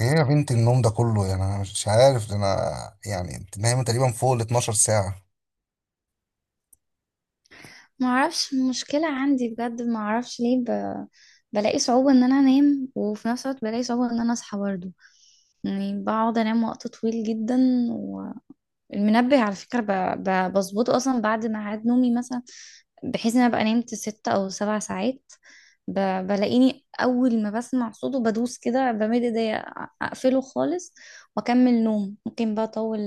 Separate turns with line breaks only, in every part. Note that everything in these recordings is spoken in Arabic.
ايه يا بنت، النوم ده كله يعني؟ انا مش عارف، ده انا يعني انت نايمه تقريبا فوق ال 12 ساعه.
ما اعرفش مشكلة عندي بجد. ما اعرفش ليه بلاقي صعوبة ان انا انام، وفي نفس الوقت بلاقي صعوبة ان انا اصحى برضه. يعني بقعد انام وقت طويل جدا. والمنبه على فكرة بظبطه اصلا بعد ميعاد نومي مثلا، بحيث ان انا ابقى نمت ست او سبع ساعات. ب... بلاقيني اول ما بسمع صوته بدوس كده، بمد ايديا اقفله خالص، واكمل نوم ممكن بقى اطول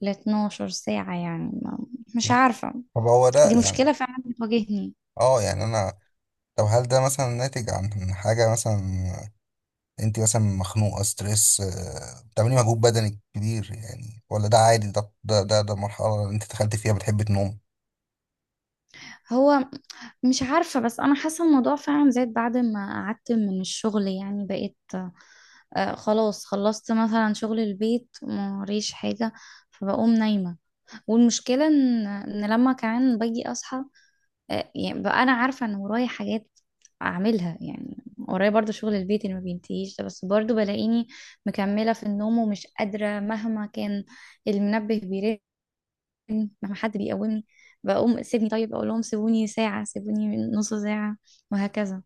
ل 12 ساعة. يعني ما... مش عارفة.
طب هو ده
دي
يعني،
مشكلة فعلا بتواجهني.
اه يعني انا، طب هل ده مثلا ناتج عن حاجه؟ مثلا انت مثلا مخنوقه، ستريس، بتعملي مجهود بدني كبير يعني؟ ولا ده عادي؟ ده مرحله اللي انت دخلت فيها بتحب تنوم.
هو، مش عارفة، بس أنا حاسة الموضوع فعلا زاد بعد ما قعدت من الشغل. يعني بقيت، آه، خلاص خلصت مثلا شغل البيت، موريش حاجة فبقوم نايمة. والمشكلة إن لما كمان باجي أصحى، آه، يعني بقى أنا عارفة إن ورايا حاجات أعملها، يعني ورايا برضو شغل البيت اللي ما بينتهيش ده، بس برضو بلاقيني مكملة في النوم ومش قادرة مهما كان المنبه بيرن، لما حد بيقومني بقوم سيبني، طيب اقول لهم سيبوني ساعة، سيبوني نص ساعة، وهكذا.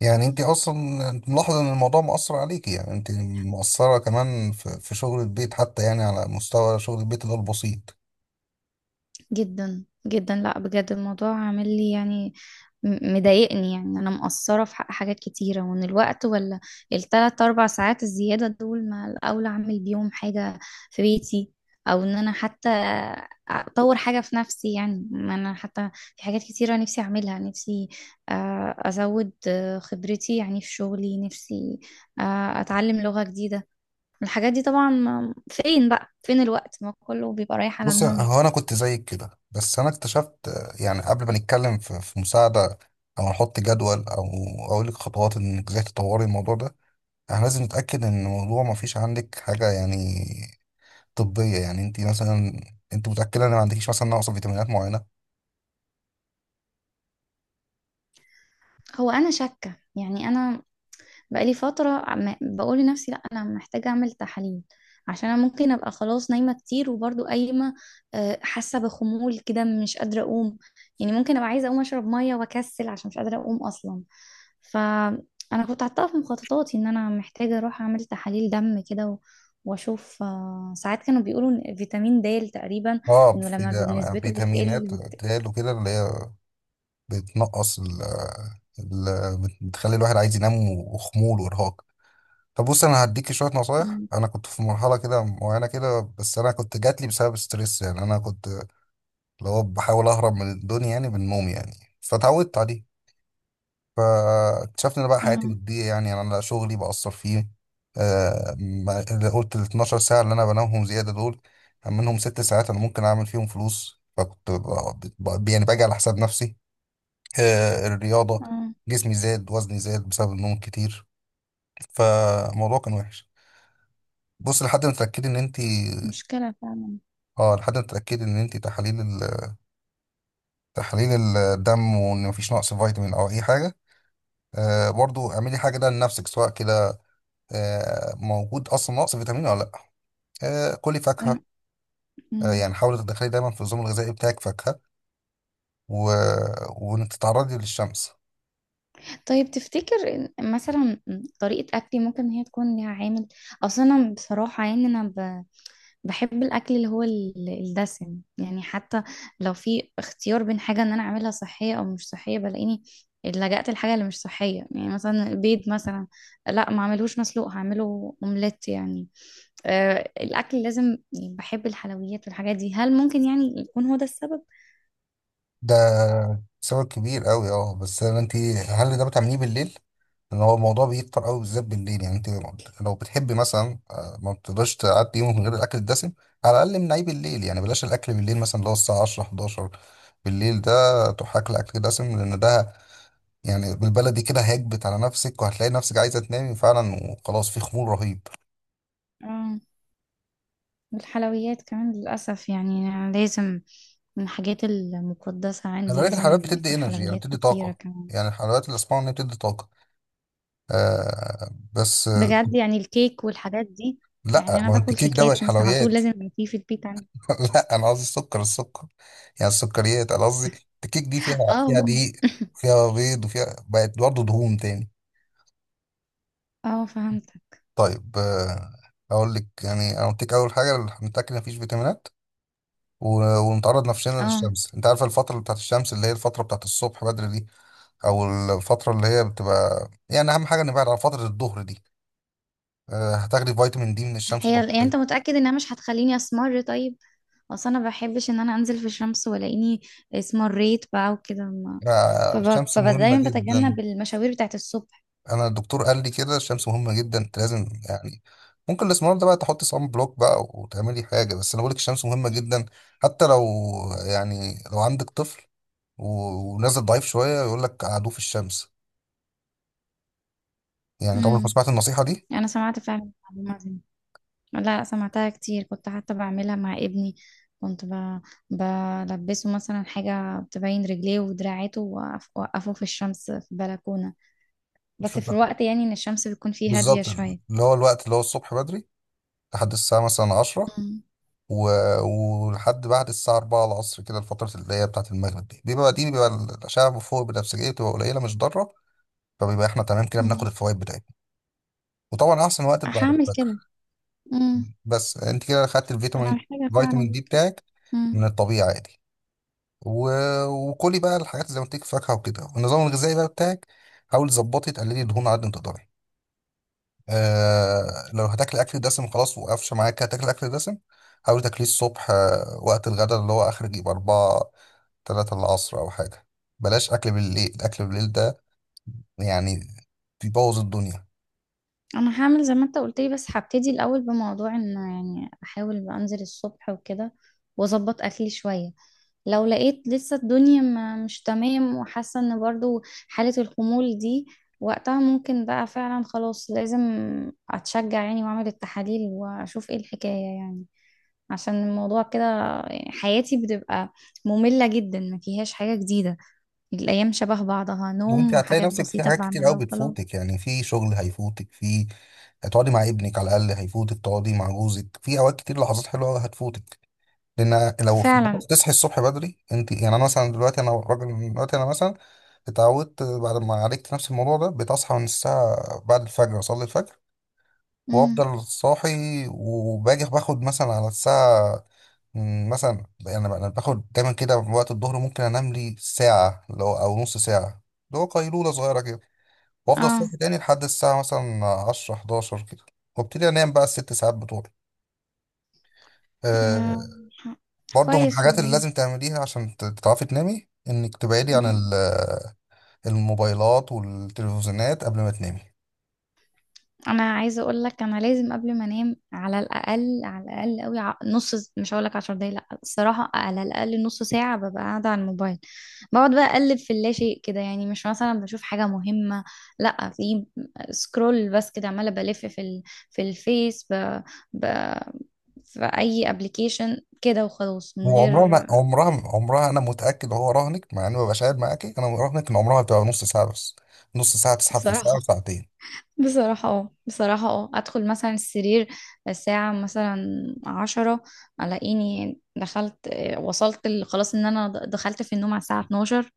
يعني انت اصلا، انت ملاحظه ان الموضوع مأثر عليكي؟ يعني انت مقصره كمان في شغل البيت حتى، يعني على مستوى شغل البيت اللي هو البسيط.
جدا جدا، لا بجد الموضوع عامل لي، يعني مضايقني. يعني انا مقصره في حق حاجات كتيره، وان الوقت ولا الثلاث اربع ساعات الزياده دول، ما الاولى اعمل بيهم حاجه في بيتي، او ان انا حتى اطور حاجه في نفسي. يعني ما انا حتى في حاجات كتيره نفسي اعملها، نفسي آه، ازود آه، خبرتي يعني في شغلي، نفسي آه، اتعلم لغه جديده. الحاجات دي طبعا فين بقى، فين الوقت، ما كله بيبقى رايح على
بص،
النوم.
هو انا كنت زيك كده، بس انا اكتشفت، يعني قبل ما نتكلم في مساعده، او نحط جدول، او اقول لك خطوات انك ازاي تطوري الموضوع ده، احنا لازم نتاكد ان الموضوع ما فيش عندك حاجه يعني طبيه. يعني انت مثلا، انت متاكده ان ما عندكيش مثلا نقص فيتامينات معينه؟
هو انا شاكه، يعني انا بقالي فتره بقول لنفسي لا انا محتاجه اعمل تحاليل، عشان انا ممكن ابقى خلاص نايمه كتير وبرضو قايمه، آه، حاسه بخمول كده مش قادره اقوم. يعني ممكن ابقى عايزه اقوم اشرب ميه واكسل عشان مش قادره اقوم اصلا. فانا كنت حاطاها في مخططاتي ان انا محتاجه اروح اعمل تحاليل دم كده واشوف، آه، ساعات كانوا بيقولوا إن فيتامين د تقريبا
اه،
انه
في
لما
أنا
نسبته بتقل
فيتامينات تقال وكده، اللي هي بتنقص، بتخلي الواحد عايز ينام، وخمول، وارهاق. طب بص، انا هديكي شويه نصايح.
مم.
انا كنت في مرحله كده معينه كده، بس انا كنت جاتلي بسبب ستريس، يعني انا كنت اللي هو بحاول اهرب من الدنيا يعني بالنوم، يعني فتعودت عليه. فاكتشفت ان بقى حياتي
اه.
بتضيع. يعني انا، لا شغلي بأثر فيه، اللي قلت ال 12 ساعه اللي انا بنامهم زياده دول، منهم ست ساعات انا ممكن اعمل فيهم فلوس، فكنت يعني باجي على حساب نفسي، الرياضه.
اه،
جسمي زاد، وزني زاد بسبب النوم كتير، فالموضوع كان وحش. بص،
مشكله فعلا.
لحد ما تتاكدي ان انت تحاليل تحاليل الدم، وان مفيش نقص فيتامين او اي حاجه. برضو اعملي حاجه ده لنفسك، سواء كده موجود اصلا نقص فيتامين ولا لا. كلي فاكهه،
أنا- مم.
يعني حاولي تدخلي دايما في النظام الغذائي بتاعك فاكهه، و... وانك تتعرضي للشمس.
طيب، تفتكر إن مثلا طريقة أكلي ممكن إن هي تكون ليها عامل؟ أصل أنا بصراحة يعني بحب الأكل اللي هو الدسم، يعني حتى لو في اختيار بين حاجة إن أنا أعملها صحية أو مش صحية بلاقيني لجأت الحاجة اللي مش صحية. يعني مثلا البيض مثلا، لا ما أعملوش مسلوق، هعمله أومليت يعني. أه، الأكل لازم، يعني بحب الحلويات والحاجات دي. هل ممكن يعني يكون هو ده السبب؟
ده سبب كبير قوي، بس انت، هل ده بتعمليه بالليل؟ لان هو الموضوع بيكتر قوي بالذات بالليل. يعني انت لو بتحبي مثلا، ما بتقدرش تعدي يومك من غير الاكل الدسم، على الاقل منعيه بالليل. يعني بلاش الاكل بالليل، مثلا اللي هو الساعه 10 11 بالليل ده، تروح اكل اكل دسم، لان ده يعني بالبلدي كده هيكبت على نفسك، وهتلاقي نفسك عايزه تنامي فعلا، وخلاص في خمول رهيب.
آه. والحلويات كمان للأسف يعني لازم، من الحاجات المقدسة
خلي
عندي
بالك، الحلويات
لازم
بتدي
اكل
انرجي، يعني
حلويات
بتدي
كتيرة
طاقه.
كمان.
يعني الحلويات اللي اسمعها ان هي بتدي طاقه، بس،
بجد يعني الكيك والحاجات دي، يعني
لا
انا
ما هو انت
باكل
كيك ده مش
كيكات مثلا على طول،
حلويات.
لازم يبقى في البيت عندي.
لا انا قصدي السكر، السكر يعني السكريات انا قصدي. الكيك دي فيها، فيها
اه.
دقيق، فيها بيض، وفيها بقت برضه دهون تاني.
اه، فهمت.
طيب، اقول لك. يعني انا قلت لك اول حاجه، نتاكد مفيش فيتامينات، ونتعرض نفسنا
اه.
للشمس. انت عارف الفتره بتاعت الشمس اللي هي الفتره بتاعت الصبح بدري دي، او الفتره اللي هي بتبقى، يعني اهم حاجه نبعد عن فتره الظهر دي. هتاخدي فيتامين دي من الشمس
هي، يعني
طبيعي.
انت متأكد انها مش هتخليني اسمر؟ طيب، اصل انا ما بحبش ان انا انزل في الشمس والاقيني اسمريت بقى وكده، ما
الشمس مهمه
فدايما
جدا.
بتجنب المشاوير بتاعت الصبح.
انا الدكتور قال لي كده، الشمس مهمه جدا، انت لازم يعني، ممكن الاسمرار ده بقى تحط صن بلوك بقى وتعملي حاجه، بس انا بقول لك الشمس مهمه جدا. حتى لو يعني لو عندك طفل ونازل ضعيف شويه، يقول لك قعدوه في الشمس. يعني انت عمرك ما
امم
سمعت النصيحه دي؟
انا سمعت فعلا المعلومة دي. لا، سمعتها كتير، كنت حتى بعملها مع ابني. كنت بلبسه مثلا حاجة بتبين رجليه ودراعاته، وأوقفه في الشمس في بلكونة،
مش
بس في
فاكر.
الوقت يعني إن الشمس بتكون فيه هادية
بالظبط
شوية.
اللي هو الوقت، اللي هو الصبح بدري لحد الساعه مثلا 10،
مم.
و... ولحد بعد الساعه 4 العصر كده، الفتره اللي هي بتاعه المغرب دي بيبقى الاشعه فوق البنفسجيه بتبقى قليله، مش ضاره. فبيبقى احنا تمام كده، بناخد
مم.
الفوائد بتاعتها. وطبعا احسن وقت بعد
هعمل كده.
الفجر.
مم.
بس انت كده خدت
أنا
الفيتامين،
محتاجة
فيتامين
فعلا.
دي بتاعك،
مم.
من الطبيعي عادي. و... وكلي بقى الحاجات زي ما قلت لك، فاكهه وكده، والنظام الغذائي بقى بتاعك، حاولي تظبطي تقللي دهون على قد ما تقدري. لو هتاكلي اكل دسم، خلاص وقفش معاك، هتاكلي اكل دسم. حاولي تاكليه الصبح، وقت الغداء اللي هو اخر يبقى أربعة، تلاتة العصر أو حاجة. بلاش أكل بالليل، أكل بالليل ده يعني بيبوظ الدنيا.
أنا هعمل زي ما أنت قلت لي، بس هبتدي الأول بموضوع إن يعني أحاول أنزل الصبح وكده، وأظبط أكلي شوية. لو لقيت لسه الدنيا ما مش تمام، وحاسة ان برضو حالة الخمول دي، وقتها ممكن بقى فعلا خلاص لازم اتشجع، يعني واعمل التحاليل واشوف ايه الحكاية. يعني عشان الموضوع كده حياتي بتبقى مملة جدا، ما فيهاش حاجة جديدة، الايام شبه بعضها،
وانت
نوم
هتلاقي
وحاجات
نفسك في
بسيطة
حاجات كتير قوي
بعملها وخلاص.
بتفوتك. يعني في شغل هيفوتك، في هتقعدي مع ابنك على الاقل هيفوتك، تقعدي مع جوزك في اوقات كتير، لحظات حلوه قوي هتفوتك، لان
فعلا.
تصحي الصبح بدري، انت يعني انا مثلا دلوقتي، انا راجل دلوقتي، انا مثلا اتعودت بعد ما عالجت نفس الموضوع ده، بتصحى من الساعه، بعد الفجر اصلي الفجر،
امم.
وافضل صاحي، وباجي باخد مثلا على الساعه، مثلا انا باخد دايما كده وقت الظهر، ممكن انام لي ساعه، او نص ساعه، اللي هو قيلوله صغيره كده. وافضل
اه.
صاحي تاني لحد الساعه مثلا 10 11 كده، وابتدي انام بقى الست ساعات بتوعي. آه
آه،
برضو من
كويس
الحاجات اللي
والله.
لازم تعمليها عشان تعرفي تنامي، انك تبعدي عن الموبايلات والتلفزيونات قبل ما تنامي.
انا عايزه اقول لك، انا لازم قبل ما انام على الاقل، على الاقل قوي، مش هقول لك 10 دقايق، لا، الصراحه على الاقل نص ساعه ببقى قاعده على الموبايل، بقعد بقى اقلب في اللا شيء كده، يعني مش مثلا بشوف حاجه مهمه، لا، في سكرول بس كده، عماله بلف في ب... في اي ابلكيشن كده وخلاص من
وعمرها ما
غير.
عمرها عمرها انا متاكد، هو رهنك مع اني مبقاش قاعد معاكي، انا راهنك ان عمرها بتبقى نص ساعه بس، نص ساعه تسحب في
بصراحه،
ساعه وساعتين.
بصراحة اه، بصراحة اه، ادخل مثلا السرير الساعة مثلا عشرة، الاقيني دخلت، آه، خلاص ان انا دخلت في النوم على الساعة 12.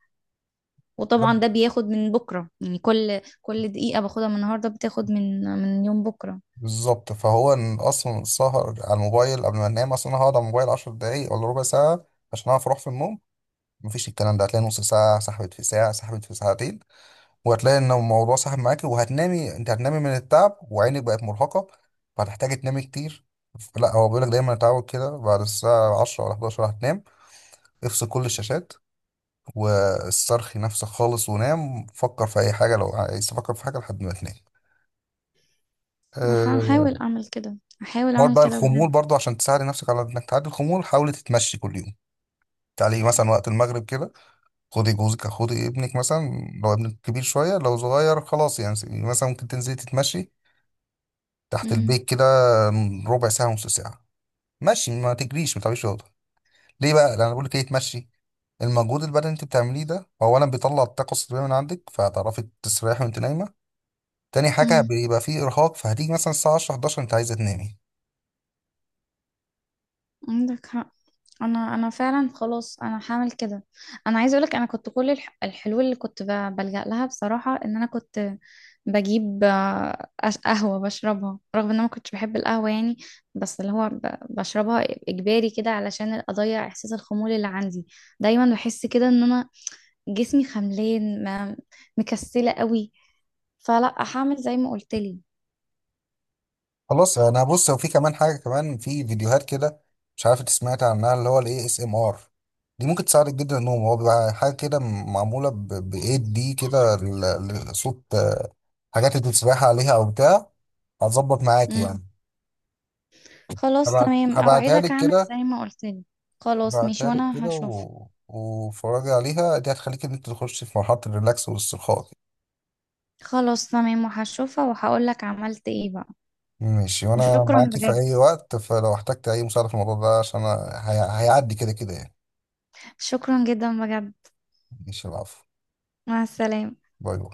وطبعا ده
ده
بياخد من بكرة، يعني كل دقيقة باخدها من النهاردة بتاخد من يوم بكرة.
بالظبط، فهو إن اصلا السهر على الموبايل قبل ما انام، اصلا انا هقعد على الموبايل 10 دقايق ولا ربع ساعه عشان اعرف اروح في النوم، مفيش. الكلام ده هتلاقي نص ساعة سحبت في ساعة، سحبت في ساعتين، وهتلاقي ان الموضوع سحب معاك، وهتنامي. انت هتنامي من التعب وعينك بقت مرهقة، فهتحتاجي تنامي كتير. لا، هو بيقولك دايما اتعود كده، بعد الساعة 10 ولا 11 هتنام، افصل كل الشاشات، واسترخي نفسك خالص، ونام، فكر في أي حاجة لو عايز تفكر في حاجة لحد ما تنام.
هحاول
أه،
اعمل كده، هحاول
حوار
اعمل
بقى
كده
الخمول
بجد.
برضو، عشان تساعد نفسك على انك تعدي الخمول، حاولي تتمشي كل يوم. تعالي مثلا وقت المغرب كده، خدي جوزك، خدي ابنك مثلا، لو ابنك كبير شوية، لو صغير خلاص يعني. مثلا ممكن تنزلي تتمشي تحت البيت كده، ربع ساعة نص ساعة، مشي، ما تجريش، ما تعمليش رياضة. ليه بقى؟ لأن أنا بقول لك إيه، تمشي. المجهود البدني اللي أنت بتعمليه ده، أولا بيطلع الطاقة السلبية من عندك، فهتعرفي تستريحي وأنت نايمة. تاني حاجة
امم.
بيبقى فيه إرهاق، فهتيجي مثلا الساعة 10 11 أنت عايزة تنامي.
عندك حق. انا فعلا خلاص انا هعمل كده. انا عايزه اقولك انا كنت كل الحلول اللي بلجأ لها، بصراحه ان انا كنت بجيب آه، قهوه بشربها، رغم ان انا ما كنتش بحب القهوه يعني، بس اللي هو بشربها اجباري كده علشان اضيع احساس الخمول اللي عندي. دايما بحس كده ان انا جسمي خملان، مكسله قوي. فلا، هعمل زي ما قلت لي.
خلاص انا، بص، وفي كمان حاجه كمان، في فيديوهات كده مش عارف انت سمعت عنها، اللي هو الاي اس ام ار. دي ممكن تساعدك جدا النوم، هو بيبقى حاجه كده معموله بايد دي كده، صوت، حاجات انت بتسبحي عليها او بتاع، هتظبط معاك يعني.
خلاص
هبعت
تمام،
هبعتها
اوعدك
لك
اعمل
كده،
زي ما قلت لي. خلاص ماشي،
هبعتها لك
وانا
كده،
هشوف.
و... وفرجي عليها، دي هتخليك ان انت تخش في مرحله الريلاكس والاسترخاء كده.
خلاص تمام، وهشوفها وهقولك عملت ايه بقى.
ماشي، وانا
وشكرا
معاكي في
بجد،
اي وقت، فلو احتجت اي مساعده في الموضوع ده، عشان أنا هيعدي كده كده يعني.
شكرا جدا بجد.
ماشي، العفو.
مع السلامة.
باي باي.